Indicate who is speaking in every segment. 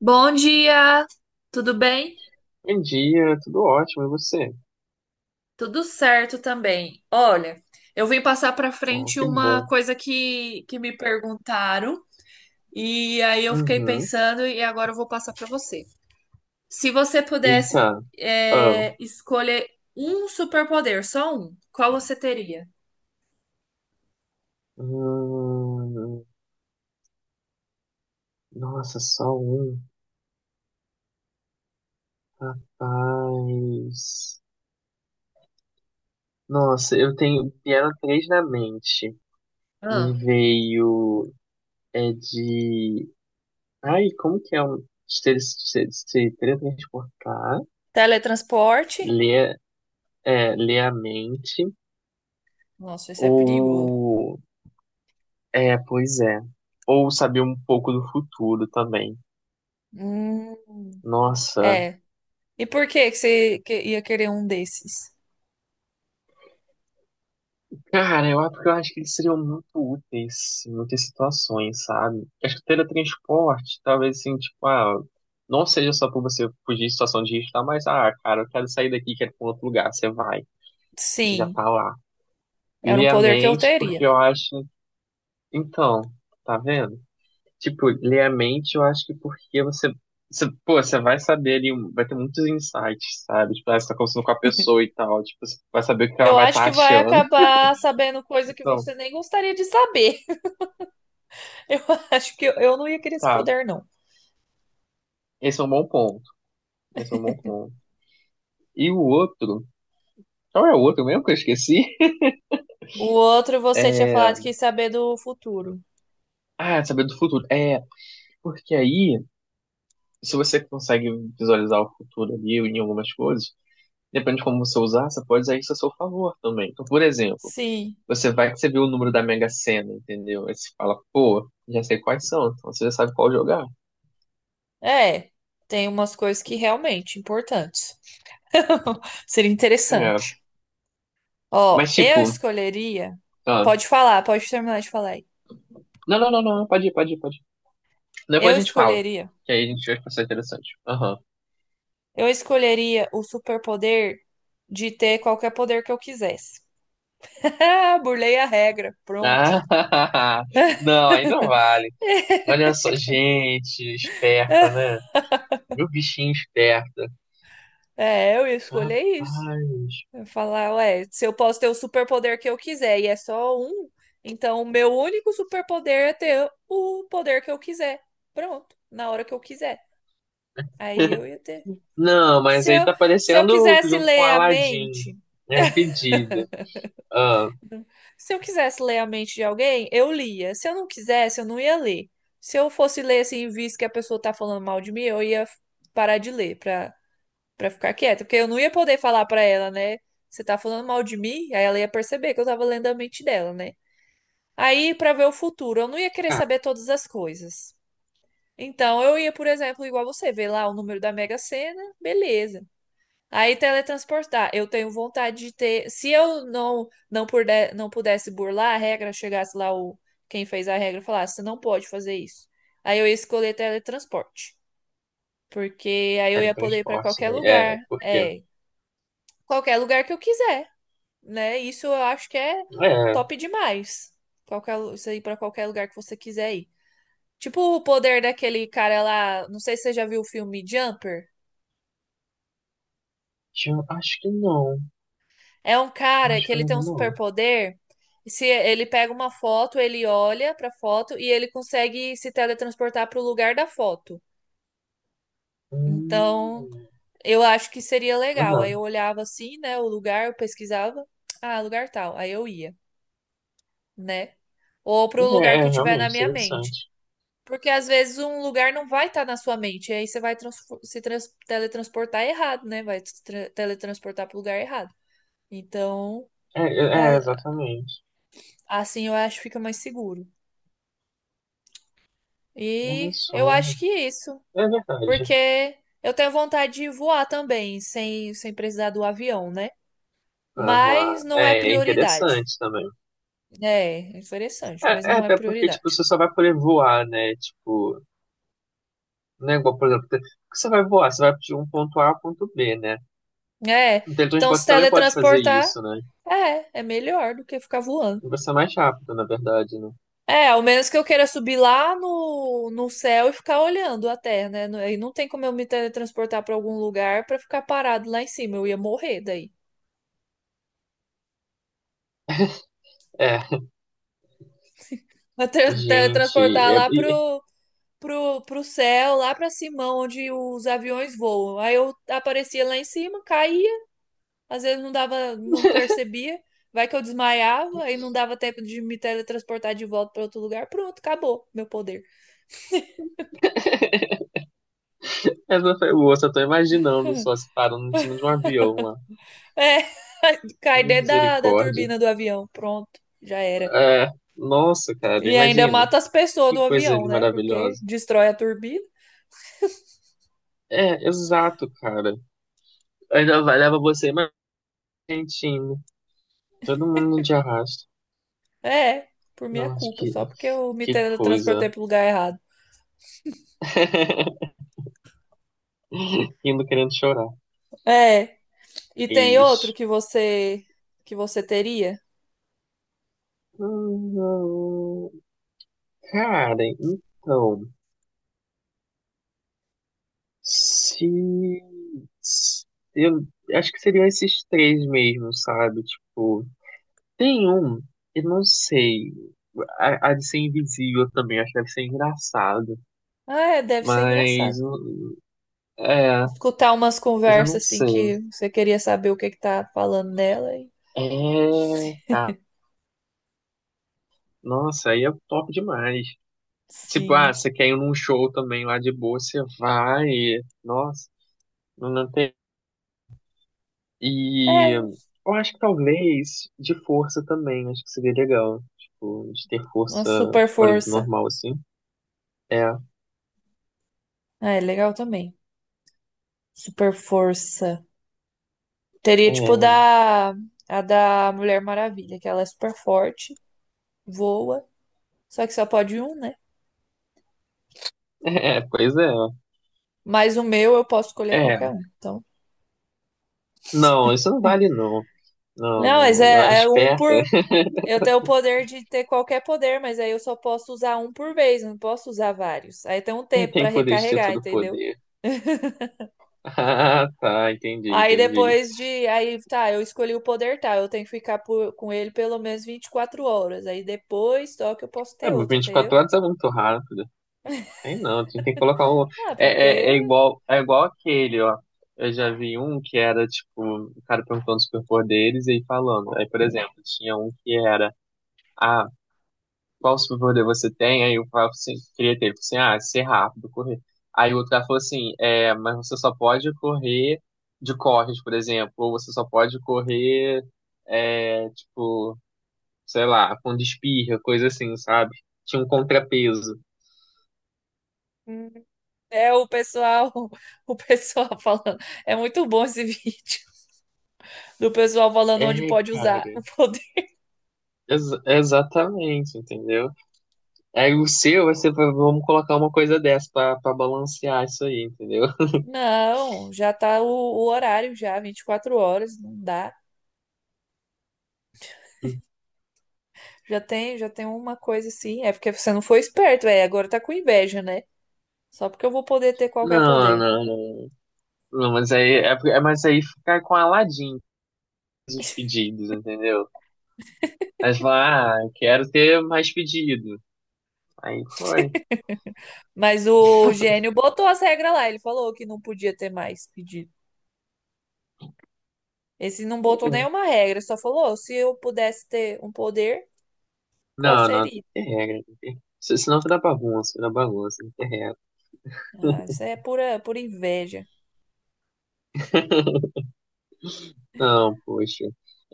Speaker 1: Bom dia, tudo bem?
Speaker 2: Bom dia, tudo ótimo, e você?
Speaker 1: Tudo certo também. Olha, eu vim passar para
Speaker 2: Ah,
Speaker 1: frente
Speaker 2: que
Speaker 1: uma
Speaker 2: bom.
Speaker 1: coisa que me perguntaram e aí eu fiquei
Speaker 2: Uhum.
Speaker 1: pensando e agora eu vou passar para você. Se você pudesse
Speaker 2: Eita. Ah.
Speaker 1: escolher um superpoder, só um, qual você teria?
Speaker 2: Hum, nossa, só um. Rapaz. Nossa, eu tenho. Vieram três na mente. Me
Speaker 1: Ah,
Speaker 2: veio. É de. Ai, como que é um. Se teletransportar,
Speaker 1: teletransporte?
Speaker 2: ler, ler a mente,
Speaker 1: Nossa, isso é perigoso.
Speaker 2: ou. É, pois é. Ou saber um pouco do futuro também.
Speaker 1: Hum,
Speaker 2: Nossa.
Speaker 1: é. E por que que você ia querer um desses?
Speaker 2: Cara, eu acho que eles seriam muito úteis em muitas situações, sabe? Acho que o teletransporte, talvez assim, tipo, ah, não seja só pra você fugir de situação de risco, tá? Mas, ah, cara, eu quero sair daqui, quero ir pra um outro lugar. Você vai, você já
Speaker 1: Sim,
Speaker 2: tá lá.
Speaker 1: era um
Speaker 2: Ler a
Speaker 1: poder que eu
Speaker 2: mente,
Speaker 1: teria.
Speaker 2: porque eu acho. Então, tá vendo? Tipo, ler a mente, eu acho que porque você. Você, pô, você vai saber ali, vai ter muitos insights, sabe? Tipo, ah, você tá conversando com a pessoa e tal, tipo, você vai saber o que ela
Speaker 1: Eu
Speaker 2: vai
Speaker 1: acho
Speaker 2: estar
Speaker 1: que vai
Speaker 2: achando.
Speaker 1: acabar sabendo coisa que
Speaker 2: Então,
Speaker 1: você nem gostaria de saber. Eu acho que eu não ia querer esse
Speaker 2: tá,
Speaker 1: poder, não.
Speaker 2: esse é um bom ponto. Esse é um bom ponto. E o outro, qual é o outro mesmo que eu esqueci?
Speaker 1: O outro, você tinha falado que ia saber do futuro.
Speaker 2: Ah, saber do futuro. É, porque aí, se você consegue visualizar o futuro ali em algumas coisas, depende de como você usar, você pode usar isso a seu favor também. Então, por exemplo,
Speaker 1: Sim,
Speaker 2: você vai que você vê o número da Mega Sena, entendeu? Aí você fala, pô, já sei quais são, então você já sabe qual jogar.
Speaker 1: é. Tem umas coisas que realmente importantes. Seria
Speaker 2: É,
Speaker 1: interessante. Ó,
Speaker 2: mas
Speaker 1: eu
Speaker 2: tipo,
Speaker 1: escolheria.
Speaker 2: ah,
Speaker 1: Pode falar, pode terminar de falar aí.
Speaker 2: não, não, não, não, pode ir, pode ir, pode ir. Depois
Speaker 1: Eu
Speaker 2: a gente fala,
Speaker 1: escolheria.
Speaker 2: que aí a gente vai passar interessante. Aham.
Speaker 1: Eu escolheria o superpoder de ter qualquer poder que eu quisesse. Ah, burlei a regra. Pronto.
Speaker 2: Ah, não, aí não vale. Olha só, gente, esperta, né? Viu o bichinho esperta.
Speaker 1: É, eu ia escolher isso.
Speaker 2: Rapaz.
Speaker 1: Eu ia falar, ué, se eu posso ter o superpoder que eu quiser e é só um, então o meu único superpoder é ter o poder que eu quiser. Pronto, na hora que eu quiser. Aí eu ia ter.
Speaker 2: Não,
Speaker 1: Se
Speaker 2: mas aí
Speaker 1: eu,
Speaker 2: tá
Speaker 1: se eu
Speaker 2: aparecendo
Speaker 1: quisesse
Speaker 2: junto com o
Speaker 1: ler a
Speaker 2: Aladdin.
Speaker 1: mente,
Speaker 2: É um pedido. Ah,
Speaker 1: se eu quisesse ler a mente de alguém, eu lia. Se eu não quisesse, eu não ia ler. Se eu fosse ler assim, visto que a pessoa tá falando mal de mim, eu ia parar de ler pra pra ficar quieta, porque eu não ia poder falar pra ela, né? Você tá falando mal de mim? Aí ela ia perceber que eu tava lendo a mente dela, né? Aí, pra ver o futuro, eu não ia querer
Speaker 2: ah,
Speaker 1: saber todas as coisas. Então, eu ia, por exemplo, igual você, ver lá o número da Mega Sena, beleza. Aí, teletransportar. Eu tenho vontade de ter. Se eu não puder, não pudesse burlar a regra, chegasse lá o quem fez a regra e falasse, você não pode fazer isso. Aí eu ia escolher teletransporte. Porque aí eu ia poder ir pra
Speaker 2: teletransporte,
Speaker 1: qualquer
Speaker 2: né? É,
Speaker 1: lugar.
Speaker 2: por quê?
Speaker 1: É, qualquer lugar que eu quiser, né? Isso eu acho que é
Speaker 2: É,
Speaker 1: top demais. Qualquer, isso aí pra qualquer lugar que você quiser ir. Tipo o poder daquele cara lá, não sei se você já viu o filme Jumper.
Speaker 2: acho que não.
Speaker 1: É um
Speaker 2: Eu
Speaker 1: cara
Speaker 2: acho
Speaker 1: que
Speaker 2: que eu
Speaker 1: ele
Speaker 2: não
Speaker 1: tem um
Speaker 2: vi, não.
Speaker 1: superpoder. Se ele pega uma foto, ele olha pra foto e ele consegue se teletransportar pro lugar da foto. Então,
Speaker 2: Hum,
Speaker 1: eu acho que seria legal. Aí
Speaker 2: aham.
Speaker 1: eu olhava assim, né, o lugar, eu pesquisava, ah, lugar tal, aí eu ia, né? Ou pro lugar
Speaker 2: É, é,
Speaker 1: que tiver na
Speaker 2: realmente,
Speaker 1: minha mente.
Speaker 2: interessante.
Speaker 1: Porque às vezes um lugar não vai estar na sua mente, e aí você vai transfor- se trans- teletransportar errado, né? Vai se tra- teletransportar para o lugar errado. Então,
Speaker 2: É, é, é,
Speaker 1: é-
Speaker 2: exatamente.
Speaker 1: assim eu acho que fica mais seguro.
Speaker 2: Olha
Speaker 1: E eu
Speaker 2: só.
Speaker 1: acho que isso,
Speaker 2: É verdade.
Speaker 1: porque eu tenho vontade de voar também, sem precisar do avião, né?
Speaker 2: Ah, vamos lá.
Speaker 1: Mas não é
Speaker 2: É, é
Speaker 1: prioridade.
Speaker 2: interessante também.
Speaker 1: É, é interessante,
Speaker 2: É,
Speaker 1: mas
Speaker 2: é,
Speaker 1: não é
Speaker 2: até porque, tipo,
Speaker 1: prioridade.
Speaker 2: você só vai poder voar, né? Tipo, não é igual, por exemplo, que você vai voar, você vai de um ponto A ao ponto B, né?
Speaker 1: É,
Speaker 2: O
Speaker 1: então
Speaker 2: teletransporte
Speaker 1: se
Speaker 2: você também pode fazer
Speaker 1: teletransportar,
Speaker 2: isso, né?
Speaker 1: é melhor do que ficar voando.
Speaker 2: E vai ser mais rápido, na verdade, né?
Speaker 1: É, ao menos que eu queira subir lá no céu e ficar olhando a Terra, né? Aí não tem como eu me teletransportar para algum lugar para ficar parado lá em cima. Eu ia morrer daí.
Speaker 2: É,
Speaker 1: Mas
Speaker 2: gente,
Speaker 1: teletransportar
Speaker 2: é...
Speaker 1: lá
Speaker 2: e-
Speaker 1: pro céu, lá para cima, onde os aviões voam. Aí eu aparecia lá em cima, caía, às vezes não dava, não percebia. Vai que eu desmaiava, aí não dava tempo de me teletransportar de volta para outro lugar. Pronto, acabou meu poder.
Speaker 2: essa foi boa, só tô imaginando só se parando em cima de um avião lá.
Speaker 1: É, cai dentro da
Speaker 2: Misericórdia.
Speaker 1: turbina do avião. Pronto, já era.
Speaker 2: É, nossa, cara,
Speaker 1: E ainda
Speaker 2: imagina.
Speaker 1: mata as pessoas
Speaker 2: Que
Speaker 1: do
Speaker 2: coisa
Speaker 1: avião,
Speaker 2: ali
Speaker 1: né? Porque
Speaker 2: maravilhosa.
Speaker 1: destrói a turbina.
Speaker 2: É, exato, cara. Ainda vai, leva você mais gentinho. Todo mundo de arrasto.
Speaker 1: É, por minha
Speaker 2: Nossa,
Speaker 1: culpa,
Speaker 2: que,
Speaker 1: só porque eu me
Speaker 2: que
Speaker 1: transportei
Speaker 2: coisa.
Speaker 1: pro lugar errado.
Speaker 2: Indo querendo chorar.
Speaker 1: É. E tem outro
Speaker 2: Mas,
Speaker 1: que você teria?
Speaker 2: hum, cara, então. Se. se- Eu acho que seriam esses três mesmo, sabe? Tipo, tem um, eu não sei. A de ser invisível também, acho que deve ser engraçado.
Speaker 1: Ah, é, deve ser engraçado.
Speaker 2: Mas. É,
Speaker 1: Escutar umas
Speaker 2: mas eu não
Speaker 1: conversas assim
Speaker 2: sei.
Speaker 1: que você queria saber o que que tá falando nela e
Speaker 2: É, cara. Nossa, aí é top demais. Tipo, ah,
Speaker 1: sim.
Speaker 2: você quer ir num show também lá de boa, você vai. Nossa, não, não tem. E
Speaker 1: É,
Speaker 2: eu acho que talvez de força também, acho que seria legal. Tipo, de ter
Speaker 1: uma
Speaker 2: força,
Speaker 1: super
Speaker 2: tipo, além do
Speaker 1: força.
Speaker 2: normal, assim. É,
Speaker 1: Ah, é legal também. Super força. Teria tipo
Speaker 2: é,
Speaker 1: da a da Mulher Maravilha, que ela é super forte, voa. Só que só pode um, né?
Speaker 2: é, pois é.
Speaker 1: Mas o meu eu posso escolher
Speaker 2: É,
Speaker 1: qualquer um. Então.
Speaker 2: não, isso não vale não. Não,
Speaker 1: Não, mas
Speaker 2: não, não é
Speaker 1: é, é um
Speaker 2: esperta.
Speaker 1: por. Eu tenho o poder de ter qualquer poder, mas aí eu só posso usar um por vez, não posso usar vários. Aí tem um
Speaker 2: Ele
Speaker 1: tempo pra
Speaker 2: tem poder de ter
Speaker 1: recarregar,
Speaker 2: todo o
Speaker 1: entendeu?
Speaker 2: poder. Ah, tá, entendi,
Speaker 1: Aí
Speaker 2: entendi.
Speaker 1: depois de. Aí tá, eu escolhi o poder tal, eu tenho que ficar com ele pelo menos 24 horas. Aí depois só que eu posso
Speaker 2: É,
Speaker 1: ter
Speaker 2: mas
Speaker 1: outro,
Speaker 2: vinte e
Speaker 1: entendeu?
Speaker 2: quatro horas é muito rápido. Tem não, a gente tem que colocar o.
Speaker 1: Ah, porque
Speaker 2: É, é, é igual aquele, ó. Eu já vi um que era, tipo, o cara perguntando os superpoderes e aí falando. Aí, por exemplo, tinha um que era, ah, qual superpoder você tem? Aí o cara assim, queria ter, ele falou assim, ah, ser rápido, correr. Aí o outro cara falou assim, é, mas você só pode correr de corres, por exemplo, ou você só pode correr, é, tipo, sei lá, com espirra, coisa assim, sabe? Tinha um contrapeso.
Speaker 1: hum, é o pessoal, o pessoal falando. É muito bom esse vídeo do pessoal falando onde
Speaker 2: É,
Speaker 1: pode usar o
Speaker 2: cara.
Speaker 1: poder.
Speaker 2: Exatamente, entendeu? Aí o seu, você vai- ser, pra- vamos colocar uma coisa dessa pra, balancear isso aí, entendeu?
Speaker 1: Não, já tá o horário já, 24 horas, não dá. Já tem uma coisa assim. É porque você não foi esperto, é, agora tá com inveja, né? Só porque eu vou poder ter qualquer
Speaker 2: Não,
Speaker 1: poder.
Speaker 2: não, não. Não, mas aí, é, mas aí ficar com Aladim os pedidos, entendeu? Aí você fala, ah, quero ter mais pedido. Aí foi.
Speaker 1: Mas o gênio botou as regras lá, ele falou que não podia ter mais pedido. Esse não botou nenhuma regra, só falou, se eu pudesse ter um poder, qual
Speaker 2: Não, não, tem
Speaker 1: seria?
Speaker 2: que ter regra. Tem que ter... se- Senão fica na bagunça, tem que ter regra.
Speaker 1: Ah, isso é pura, pura inveja.
Speaker 2: Não, poxa.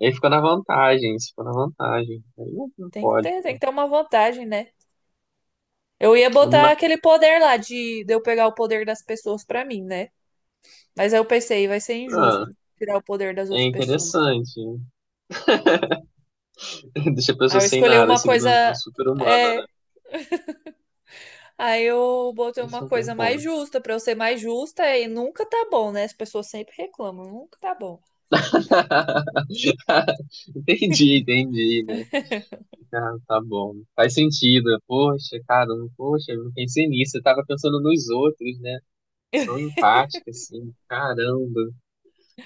Speaker 2: Aí fica na vantagem, isso fica na vantagem. Aí não não pode,
Speaker 1: Tem que
Speaker 2: pô.
Speaker 1: ter uma vantagem, né? Eu ia botar
Speaker 2: Mas,
Speaker 1: aquele poder lá de eu pegar o poder das pessoas pra mim, né? Mas aí eu pensei, vai ser
Speaker 2: ah,
Speaker 1: injusto tirar o poder das
Speaker 2: é
Speaker 1: outras pessoas.
Speaker 2: interessante. Né? Deixa a
Speaker 1: Aí
Speaker 2: pessoa
Speaker 1: eu
Speaker 2: sem
Speaker 1: escolhi
Speaker 2: nada,
Speaker 1: uma
Speaker 2: se vira
Speaker 1: coisa.
Speaker 2: uma super humana, né?
Speaker 1: É, aí eu botei
Speaker 2: Esse
Speaker 1: uma
Speaker 2: é um bom
Speaker 1: coisa mais
Speaker 2: ponto.
Speaker 1: justa pra eu ser mais justa e nunca tá bom, né? As pessoas sempre reclamam, nunca tá bom.
Speaker 2: Entendi, entendi, né? Ah, tá bom. Faz sentido. Poxa, cara, poxa, eu não pensei nisso. Eu tava pensando nos outros, né? Tão empática, assim. Caramba.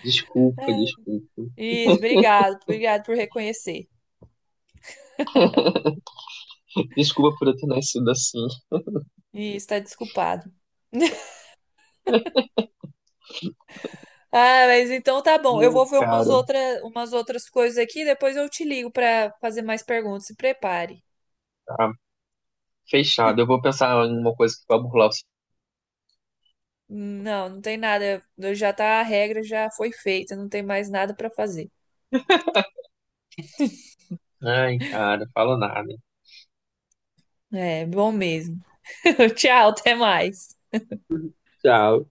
Speaker 2: Desculpa,
Speaker 1: É,
Speaker 2: desculpa.
Speaker 1: isso, obrigado, obrigado por reconhecer.
Speaker 2: Desculpa por eu ter nascido assim.
Speaker 1: Isso, tá desculpado. Ah, mas então tá bom. Eu
Speaker 2: Ai,
Speaker 1: vou ver
Speaker 2: cara,
Speaker 1: umas outras coisas aqui, depois eu te ligo pra fazer mais perguntas. Se prepare.
Speaker 2: tá. Fechado. Eu vou pensar em uma coisa que vai burlar o.
Speaker 1: Não, não tem nada. Já tá, a regra já foi feita, não tem mais nada pra fazer.
Speaker 2: Ai, cara, falo nada.
Speaker 1: É bom mesmo. Tchau, até mais.
Speaker 2: Tchau.